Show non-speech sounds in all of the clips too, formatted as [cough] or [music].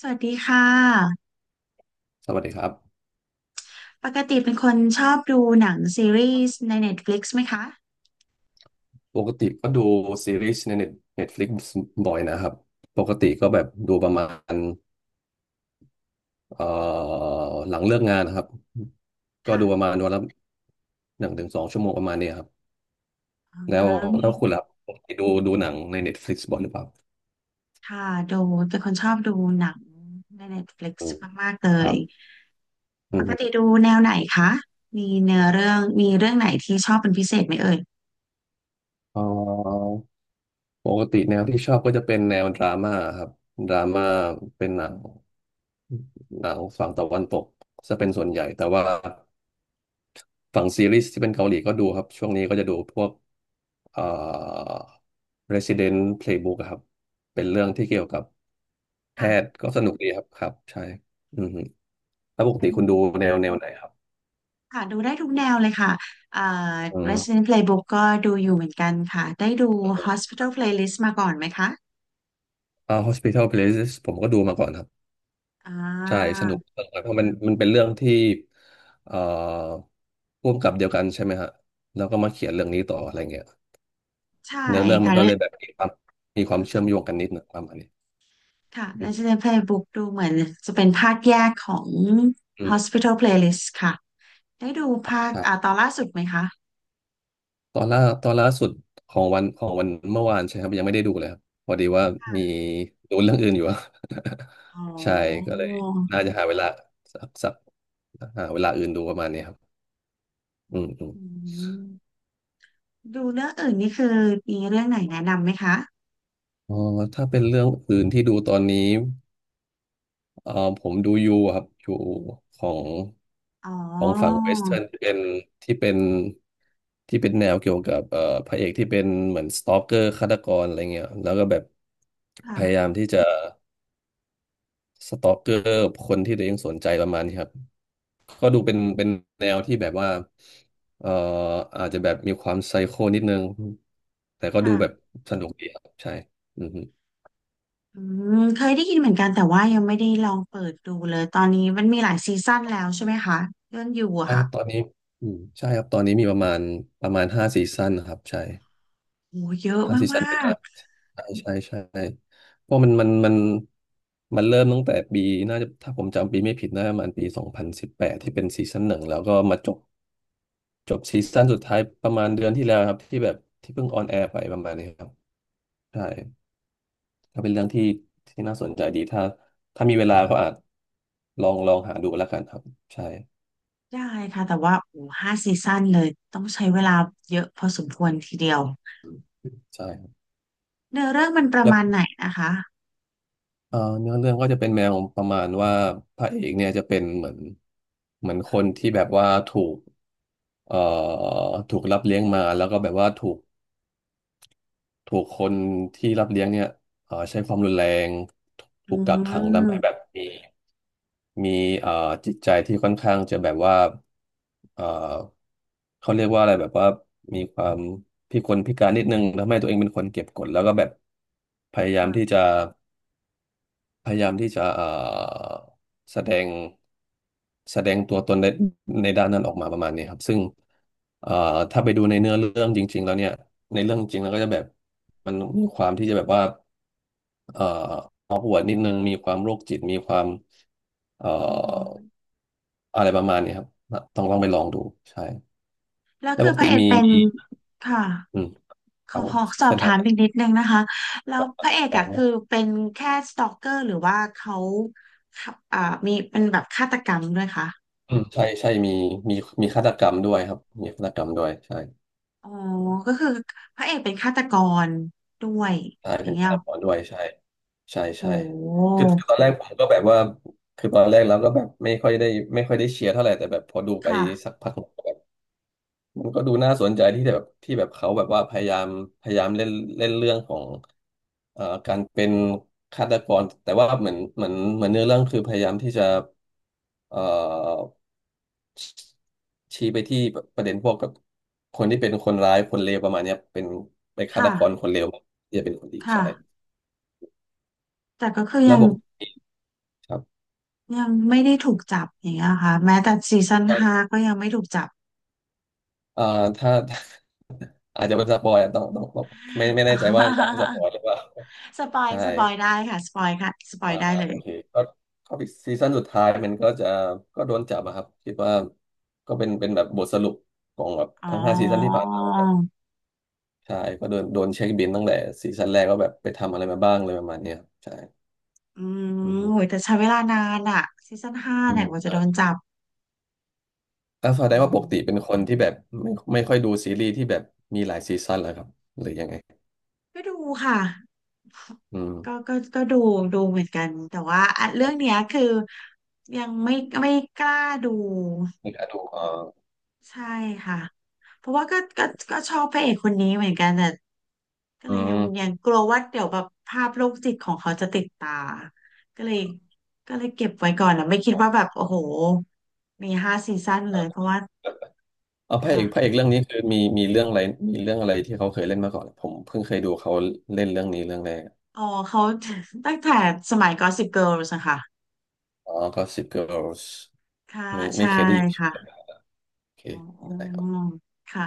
สวัสดีค่ะสวัสดีครับปกติเป็นคนชอบดูหนังซีรีส์ใน Netflix ไหมคะปกติก็ดูซีรีส์ในเน็ตฟลิกบ่อยนะครับปกติก็แบบดูประมาณเอ่อหลังเลิกงานนะครับก็ดูประค่ะมาณวันละ1 ถึง 2 ชั่วโมงประมาณนี้ครับอ๋อแล้วมีแล้วคุณล่ะปกติดูหนังในเน็ตฟลิกบ่อยหรือเปล่าค่ะดูเป็นคนชอบดูหนังใน Netflix อืมมากๆเลครัยบอืปกติมดูแนวไหนคะมีเนื้อเรื่องมีเรื่องไหนที่ชอบเป็นพิเศษไหมเอ่ยเอ่อปกติแนวที่ชอบก็จะเป็นแนวดราม่าครับดราม่าเป็นหนังฝั่งตะวันตกจะเป็นส่วนใหญ่แต่ว่า ฝั่งซีรีส์ที่เป็นเกาหลีก็ดูครับช่วงนี้ก็จะดูพวกเอ่อ Resident Playbook อะครับเป็นเรื่องที่เกี่ยวกับแพค่ะทย์ก็สนุกดีครับครับใช่อืมแล้วปกเป็ตินคุณดูแนวไหนครับค่ะดูได้ทุกแนวเลยค่ะเอ่อ อืม Resident Playbook ก็ดูอยู่เหมือนกันค่ะได้ดู Hospital Playlist มาก่อนไหมคะอ่า Hospital Playlist ผมก็ดูมาก่อนครับอ่ใช่าสนุกเออเพราะมันเป็นเรื่องที่เอ่อร่วมกับเดียวกันใช่ไหมฮะแล้วก็มาเขียนเรื่องนี้ต่ออะไรเงี้ยใช่เนื้อเรื่องมันก็เลยแบค่ะ บมีความเชื่อมโยงกันนิดหน่งประมาณนี้ค่ะ อืม Resident Playbook ดูเหมือนจะเป็นภาคแยกของ อืม Hospital Playlist ค่ะ ได้ดูภาคใช่ อ่าตอนล่าสุดไหมคะตอนล่าสุดของวันเมื่อวานใช่ครับยังไม่ได้ดูเลยครับพอดีว่าค่ะมีดูเรื่องอื่นอยู่อะ อ๋อ [laughs] ใช่ก็เลยน่าจะหาเวลาสักสักหาเวลาอื่นดูประมาณนี้ครับอืมอืมอืมดูเรื่องอื่นนี่คือมีเรื่องไหนแนะนำไหมคะ อ๋อถ้าเป็นเรื่องอื่นที่ดูตอนนี้เอ่อผมดูยูอะครับยูของอ๋อของฝั่งเวสเทิร์นที่เป็นแนวเกี่ยวกับพระเอกที่เป็นเหมือนสตอกเกอร์ฆาตกรอะไรเงี้ยแล้วก็แบบพค่ะยายามที่จะ สตอกเกอร์คนที่ตัวเองสนใจประมาณนี้ครับก็ดูเป็นแนวที่แบบว่าเอ่ออาจจะแบบมีความไซโคนิดนึงแต่ก็ดูค่ะแบบสนุกดีครับใช่อือฮึอืมเคยได้ยินเหมือนกันแต่ว่ายังไม่ได้ลองเปิดดูเลย ตอนนี้มันมีหลายซีซั่นแล้วใช่ไหมคะ เรื่องอยู่อะใช่คค่ะรับตอนนี้อืมใช่ครับตอนนี้มีประมาณห้าซีซั่นครับใช่โอ้เยอะห้าซีซั่มานเป็นกอาร์ใช่ใช่ใช่เพราะมันเริ่มตั้งแต่ปีน่าจะถ้าผมจำปีไม่ผิดน่าจะประมาณปี2018ที่เป็นซีซั่นหนึ่งแล้วก็มาจบซีซั่นสุดท้ายประมาณเดือนที่แล้วครับที่แบบที่เพิ่งออนแอร์ไปประมาณนี้ครับใช่ก็เป็นเรื่องที่น่าสนใจดีถ้ามีเวลาก็อาจลองหาดูแล้วกันครับใช่ๆได้ค่ะแต่ว่าโอ้ห้าซีซั่นเลยต้องใช้เวลาเยอะพอสมควรทีเดียว ใช่ครับเนื้อเรื่องมันประแล้วมาณไหนนะคะเนื้อเรื่องก็จะเป็นแนวประมาณว่าพระเอกเนี่ยจะเป็นเหมือนเหมือนคนที่แบบว่าถูกเอ่อถูกรับเลี้ยงมาแล้วก็แบบว่าถูกคนที่รับเลี้ยงเนี่ยใช้ความรุนแรงอืถูกกักขังทำให้แบบมมี มีเอ่อจิตใจที่ค่อนข้างจะแบบว่าเอ่อเขาเรียกว่าอะไรแบบว่ามีความพิกลพิการนิดนึงทำให้ตัวเองเป็นคนเก็บกดแล้วก็แบบพยายามที่ค่ะจะพยายามที่จะแสดงแสดงตัวตนในด้านนั้นออกมาประมาณนี้ครับซึ่งเอ่อถ้าไปดูในเนื้อเรื่องจริงๆแล้วเนี่ยในเรื่องจริงแล้วก็จะแบบมันมีความที่จะแบบว่าเอ่อออกหัวดนิดนึงมีความโรคจิตมีความเอ่อ อือหืออะไรประมาณนี้ครับต้องไปลองดูใช่ แล้วแล้วคืปอกพระติเอกมีเป็นมีค่ะอืมคขรัอบผขมอสอเช่บนถาทำมแบบอีกนิดนึงนะคะแล้วพระเอกอะคือเป็นแค่สตอกเกอร์หรือว่าเขาอ่ามีเป็นแบบฆาตกรรมด้วยคะอืมใช่ใช่มีมีฆาตกรรมด้วยครับมีฆาตกรรมด้วยใช่อ๋อก็คือพระเอกเป็นฆาตกรด้วยใช่อย่างเป็นเงี้ฆายตกรด้วยใช่ใช่โใช่หคือตอนแรกผมก็แบบว่าคือตอนแรกเราก็แบบไม่ค่อยได้เชียร์เท่าไหร่แต่แบบพอดูไปค่ะสักพัก มันก็ดูน่าสนใจที่แบบที่แบบเขาแบบว่าพยายามเล่นเล่นเรื่องของการเป็นฆาตกรแต่ว่าเหมือนเนื้อเรื่องคือพยายามที่จะเอ่อชี้ไปที่ประเด็นพวกกับคนที่เป็นคนร้ายคนเลวประมาณเนี้ยเป็นฆาตค่ะกรคนเลวที่จะเป็นคนดีค่ะใช่แต่ก็คือและยังบวกครับยังไม่ได้ถูกจับอย่างเงี้ยค่ะแม้แต่ซีซั่นก็ห้าก็ยังไม่ถูกจับ เอ่อถ้า [laughs] อาจจะเป็นสปอยอะต้องไม่ [laughs] อ๋แน่อใจว่าอยากให้สปอยหรือเปล่าสปอยใช่ สปอยได้ค่ะสปอยค่ะสปอยอ่าได้เลโอยเคก็ก็ซีซั่นสุดท้ายมันก็จะก็โดนจับอะครับคิดว่าก็เป็นแบบบทสรุปของแบบอ๋อทั้ง 5 ซีซั่นที่ผ่านมาว่าแบบใช่ก็โดนเช็คบินตั้งแต่ซีซั่นแรกว่าแบบไปทำอะไรมาบ้างเลยประมาณเนี้ยครับใช่อืมอืมฮึโหยแต่ใช้เวลานานอะซีซั่นห้าอืเนี่ยมกว่าจะอ่าโดนจับแล้วแสอืดงว่าปกติเป็มนคนที่แบบไม่ค่อยดูซีรีส์ที่แบบมีหลายซีซั่นแล้วครับหรือยังไงก็ดูค่ะอืมก็ดูดูเหมือนกันแต่ว่าอ่ะโอเรื่องเนี้ยเคคือยังไม่ไม่กล้าดูไม่กล้าดูอ่าใช่ค่ะเพราะว่าก็ชอบพระเอกคนนี้เหมือนกันแต่ ก็อืเลยยังยัม งกลัวว่าเดี๋ยวแบบภาพโรคจิตของเขาจะติดตา ก็เลยก็เลยเก็บไว้ก่อนนะไม่คิดว่าแบบโอ้โหมีห้าซีซั่นเลยเพราะว่าเออพระเอกพระค่ะเอกเรื่องนี้คือมีเรื่องอะไรที่เขาเคยเล่นมาก่อน ผมเพิ่งเคยดูเขาเล่นเรื่องนี้เรื่องแรกอ๋อเขา [laughs] ตั้งแต่สมัย Gossip Girls นะคะอ๋อ Gossip Girls ค่ะไม่ใช่เคยได้ยินชื่อเลยค่ะโอเคอ๋ออ๋อได้ครับค่ะ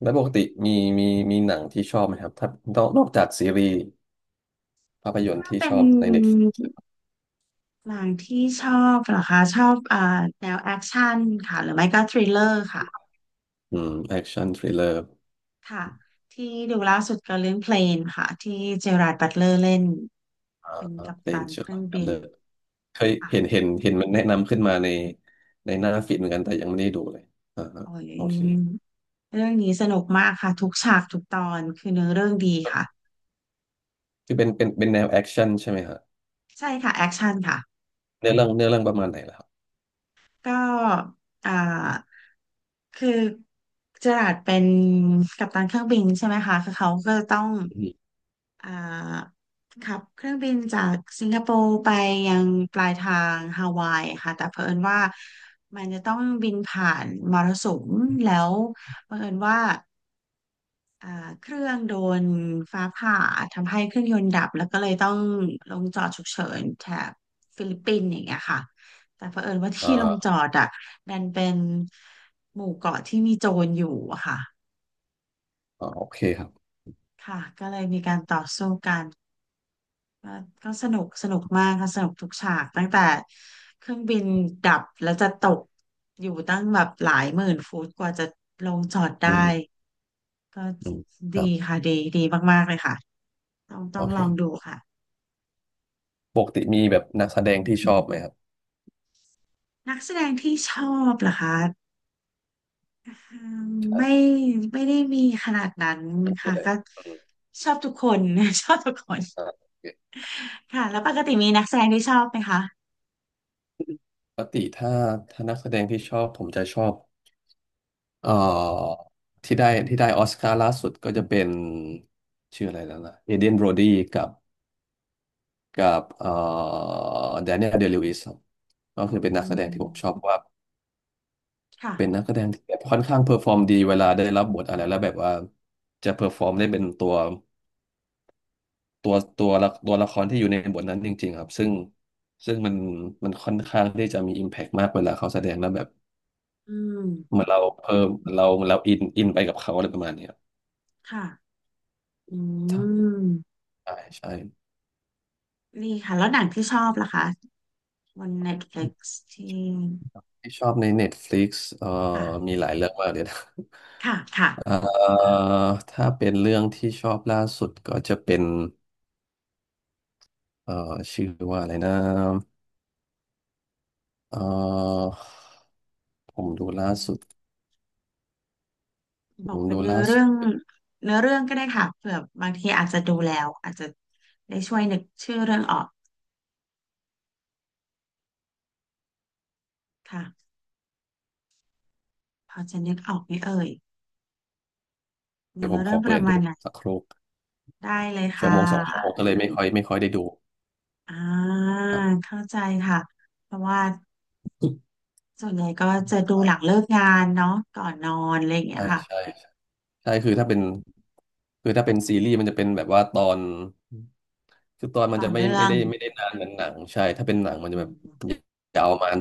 แล้วปกติมีมีมีหนังที่ชอบไหมครับถ้านอกจากซีรีส์ภาพยนตร์ถ้าที่เป็ชนอบในเน็ตหนังที่ชอบเหรอคะชอบอ่าแนวแอคชั่นค่ะหรือไม่ก็ทริลเลอร์ค่ะอืมแอคชั่นทริลเลอร์ค่ะที่ดูล่าสุดก็เรื่องเพลนค่ะที่เจอราร์ดบัตเลอร์เล่น เป็นกัปเดตันนเจอเคร์รื่องทบิเลอนร์เคยเห็นค่ะเห็นเห็นมันแนะนำขึ้นมาในหน้าฟีดเหมือนกัน แต่ยังไม่ได้ดูเลยอ่าฮะโอ้โอเคยเรื่องนี้สนุกมากค่ะทุกฉากทุกตอนคือเนื้อเรื่องดีค่ะคือเป็นแนวแอคชั่นใช่ไหมฮะใช่ค่ะแอคชั่นค่ะเนื้อเรื่องประมาณไหนล่ะครับ ก็อ่าคือเจอราร์ดเป็นกัปตันเครื่องบินใช่ไหมคะคือเขาก็จะต้องอืมอ่าขับเครื่องบินจากสิงคโปร์ไปยังปลายทางฮาวายค่ะแต่เผอิญว่ามันจะต้องบินผ่านมรสุมแล้วบังเอิญว่า อ่าเครื่องโดนฟ้าผ่าทำให้เครื่องยนต์ดับแล้วก็เลยต้องลงจอดฉุกเฉินแถบฟิลิปปินส์อย่างเงี้ยค่ะแต่เผอิญว่าอ่ที่ลงจอาดอ่ะดันเป็นหมู่เกาะที่มีโจรอยู่อะค่ะอ่าโอเคครับค่ะก็เลยมีการต่อสู้กันก็ก็สนุกสนุกมากค่ะสนุกทุกฉากตั้งแต่เครื่องบินดับแล้วจะตกอยู่ตั้งแบบหลายหมื่นฟุตกว่าจะลงจอดได้อืมก็อืมครัดีบค่ะดีดีมากๆเลยค่ะต้องต้โอองลองดูเคค่ะ ปกติมีแบบนักแสดงที่ชอบไหมครับ นักแสดงที่ชอบเหรอคะอืมใช่ไม่ไม่ได้มีขนาดนั้นไม่มีค่ะเลยก็อืมชอบทุกคน [laughs] ชอบทุกคนอ่าโอเคค่ะแล้วปกติมีนักแสดงที่ชอบไหมคะปกติถ้านักแสดงที่ชอบ ผมจะชอบเอ่อที่ได้ออสการ์ล่าสุดก็จะเป็นชื่ออะไรแล้วนะเอเดนโบรดีกับกับแดเนียลเดลิวิสครับก็คือเป็นอืนักแสดงที่ผมชอบมเพราะว่า เป็นค่ะนักแสดงที่แบบค่อนข้างเพอร์ฟอร์มดีเวลาได้รับบทอะไรแล้วแบบว่าจะเพอร์ฟอร์มได้เป็นตัว ตัวละครที่อยู่ในบทนั้นจริงๆครับซึ่งมันค่อนข้างที่จะมีอิมแพกมากเวลาเขาแสดงแล้วแบบอืเหมมือนเราเพิ่มเราเอเราอินไปกับเขาอะไรประมาณเนี้ยค่ะอืครับมใช่ใช่ดีค่ะแล้วหนังที่ชอบล่ะคะบน Netflix ที่ที่ชอบใน Netflix เอ่อค่ะมีหลายเรื่องมากเลยนะ ค่ะค่ะ [laughs] เอ่อถ้าเป็นเรื่องที่ชอบล่าสุดก็จะเป็นเอ่อชื่อว่าอะไรนะเอ่อผอืมมดูล่าอืมสุดบผอกมเป็ดูนเนื้อล่าสุเรื่อดงเนื้อเรื่องก็ได้ค่ะเผื่อบางทีอาจจะดูแล้วอาจจะได้ช่วยนึกชื่อเรื่องออกค่ะ พอจะนึกออกไหมเอ่ยเดี๋ยวเนื้อผมขเรื่อองปเปิระดมาดูณไหนสักครู่ได้เลยชั่วค่ะโมงสองชั่วโมงก็เลยไม่ค่อยได้ดู อ่าเข้าใจค่ะ เพราะว่าส่วนใหญ่ก็จะดูหลังเลิกงานเนาะก่อนนอนอะไรอย่างเงี้ใช่ยค่ะใช่ใช่คือถ้าเป็นซีรีส์มันจะเป็นแบบว่าตอนคือตอนมันต่อจะเนื่องไม่ได้นานเหมือนหนังใช่ถ้าเป็นหนังมันอืจะแบบมยาวประมาณ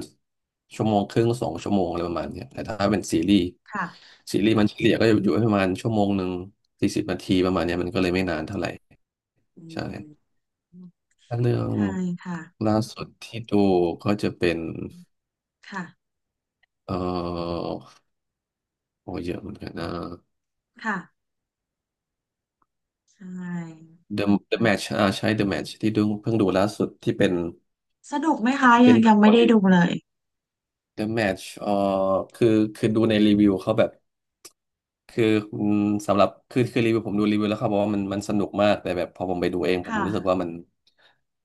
ชั่วโมงครึ่งสองชั่วโมงอะไรประมาณเนี้ยแต่ถ้าเป็นค่ะซีรีส์มันเฉลี่ยก็อยู่ประมาณชั่วโมงหนึ่งสี่สิบนาทีประมาณเนี้ยมันก็เลยไม่นานเท่าไหร่อืใช่มถ้าเรื่องใช่ค่ะล่าสุดที่ดูก็จะเป็นค่ะเอ่อโอ้เยอะเหมือนกันนะ ค่ะใช่ The The มัน Match อ่าใช่ The Match ที่ดูเพิ่งดูล่าสุดที่เป็นสนุกไหมคะเป็ยันงหนัยังงไม่เกาหได้ลี ดูเลย The Match คือคือดูในรีวิวเขาแบบคืออืมสำหรับคือรีวิวผมดูรีวิวแล้วเขาบอกว่ามันสนุกมากแต่แบบพอผมไปดูเองผมรู้สึกค่ะว่ามัน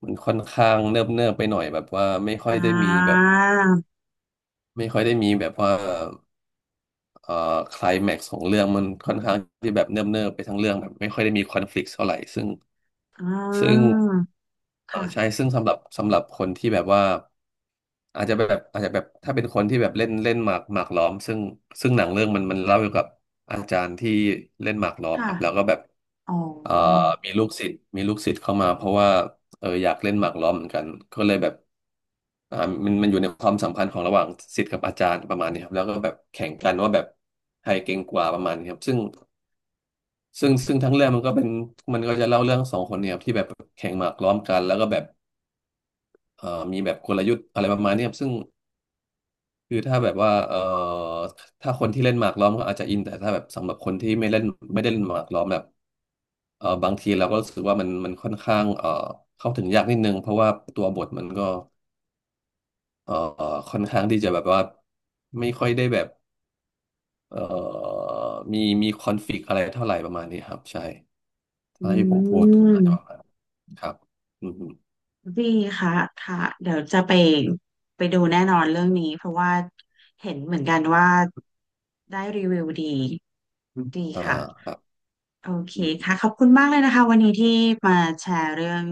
มันค่อนข้างเนิบเนิบไปหน่อยแบบว่าอ่าไม่ค่อยได้มีแบบว่าเอ่อไคลแม็กซ์ของเรื่องมันค่อนข้างที่แบบเนิบเนิบไปทั้งเรื่องแบบไม่ค่อยได้มีคอนฟลิกต์เท่าไหร่ซึ่งอ่ซึ่งาเออค่ะใช่ซึ่งสำหรับคนที่แบบว่า อาจจะแบบถ้าเป็นคนที่แบบเล่นเล่นหมากล้อมซึ่งหนังเรื่องมันเล่าเกี่ยวกับอาจารย์ที่เล่นหมากล้อมคค่ะรับแล้วก็แบบอ๋อเอ่อมีลูกศิษย์เข้ามาเพราะว่าเอออยากเล่นหมากล้อมเหมือนกันก็เลยแบบอ่ามันอยู่ในความสัมพันธ์ของระหว่างศิษย์กับอาจารย์ประมาณนี้ครับแล้วก็แบบแข่งกันว่าแบบใครเก่งกว่าประมาณนี้ครับซึ่งทั้งเรื่องมันก็จะเล่าเรื่องสองคนเนี่ยครับที่แบบแข่งหมากล้อมกันแล้วก็แบบเอ่อมีแบบกลยุทธ์อะไรประมาณนี้ครับซึ่ง คือถ้าแบบว่าถ้าคนที่เล่นหมากล้อมก็อาจจะอินแต่ถ้าแบบสำหรับคนที่ไม่ได้เล่นหมากล้อมแบบบางทีเราก็รู้สึกว่ามันค่อนข้างเข้าถึงยากนิดนึงเพราะว่าตัวบทมันก็เอ่อค่อนข้างที่จะแบบว่าไม่ค่อยได้แบบเอ่อมีคอนฟลิกต์อะไรเท่าไหร่ประมาณนี้ครับใช่อืถ้าที่ผมพูดอาจม จะประมาณนั้นครับอืมดีค่ะค่ะเดี๋ยวจะไปไปดูแน่นอนเรื่องนี้เพราะว่าเห็นเหมือนกันว่าได้รีวิวดีอมดีอ่าค่ะครับโอเคอืมค่ะขอบคุณมากเลยนะคะวันนี้ที่มาแชร์เรื่อง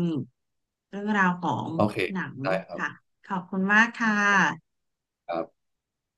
เรื่องราวของโอเคหนังได้ครัค่ะบขอบคุณมากค่ะครับ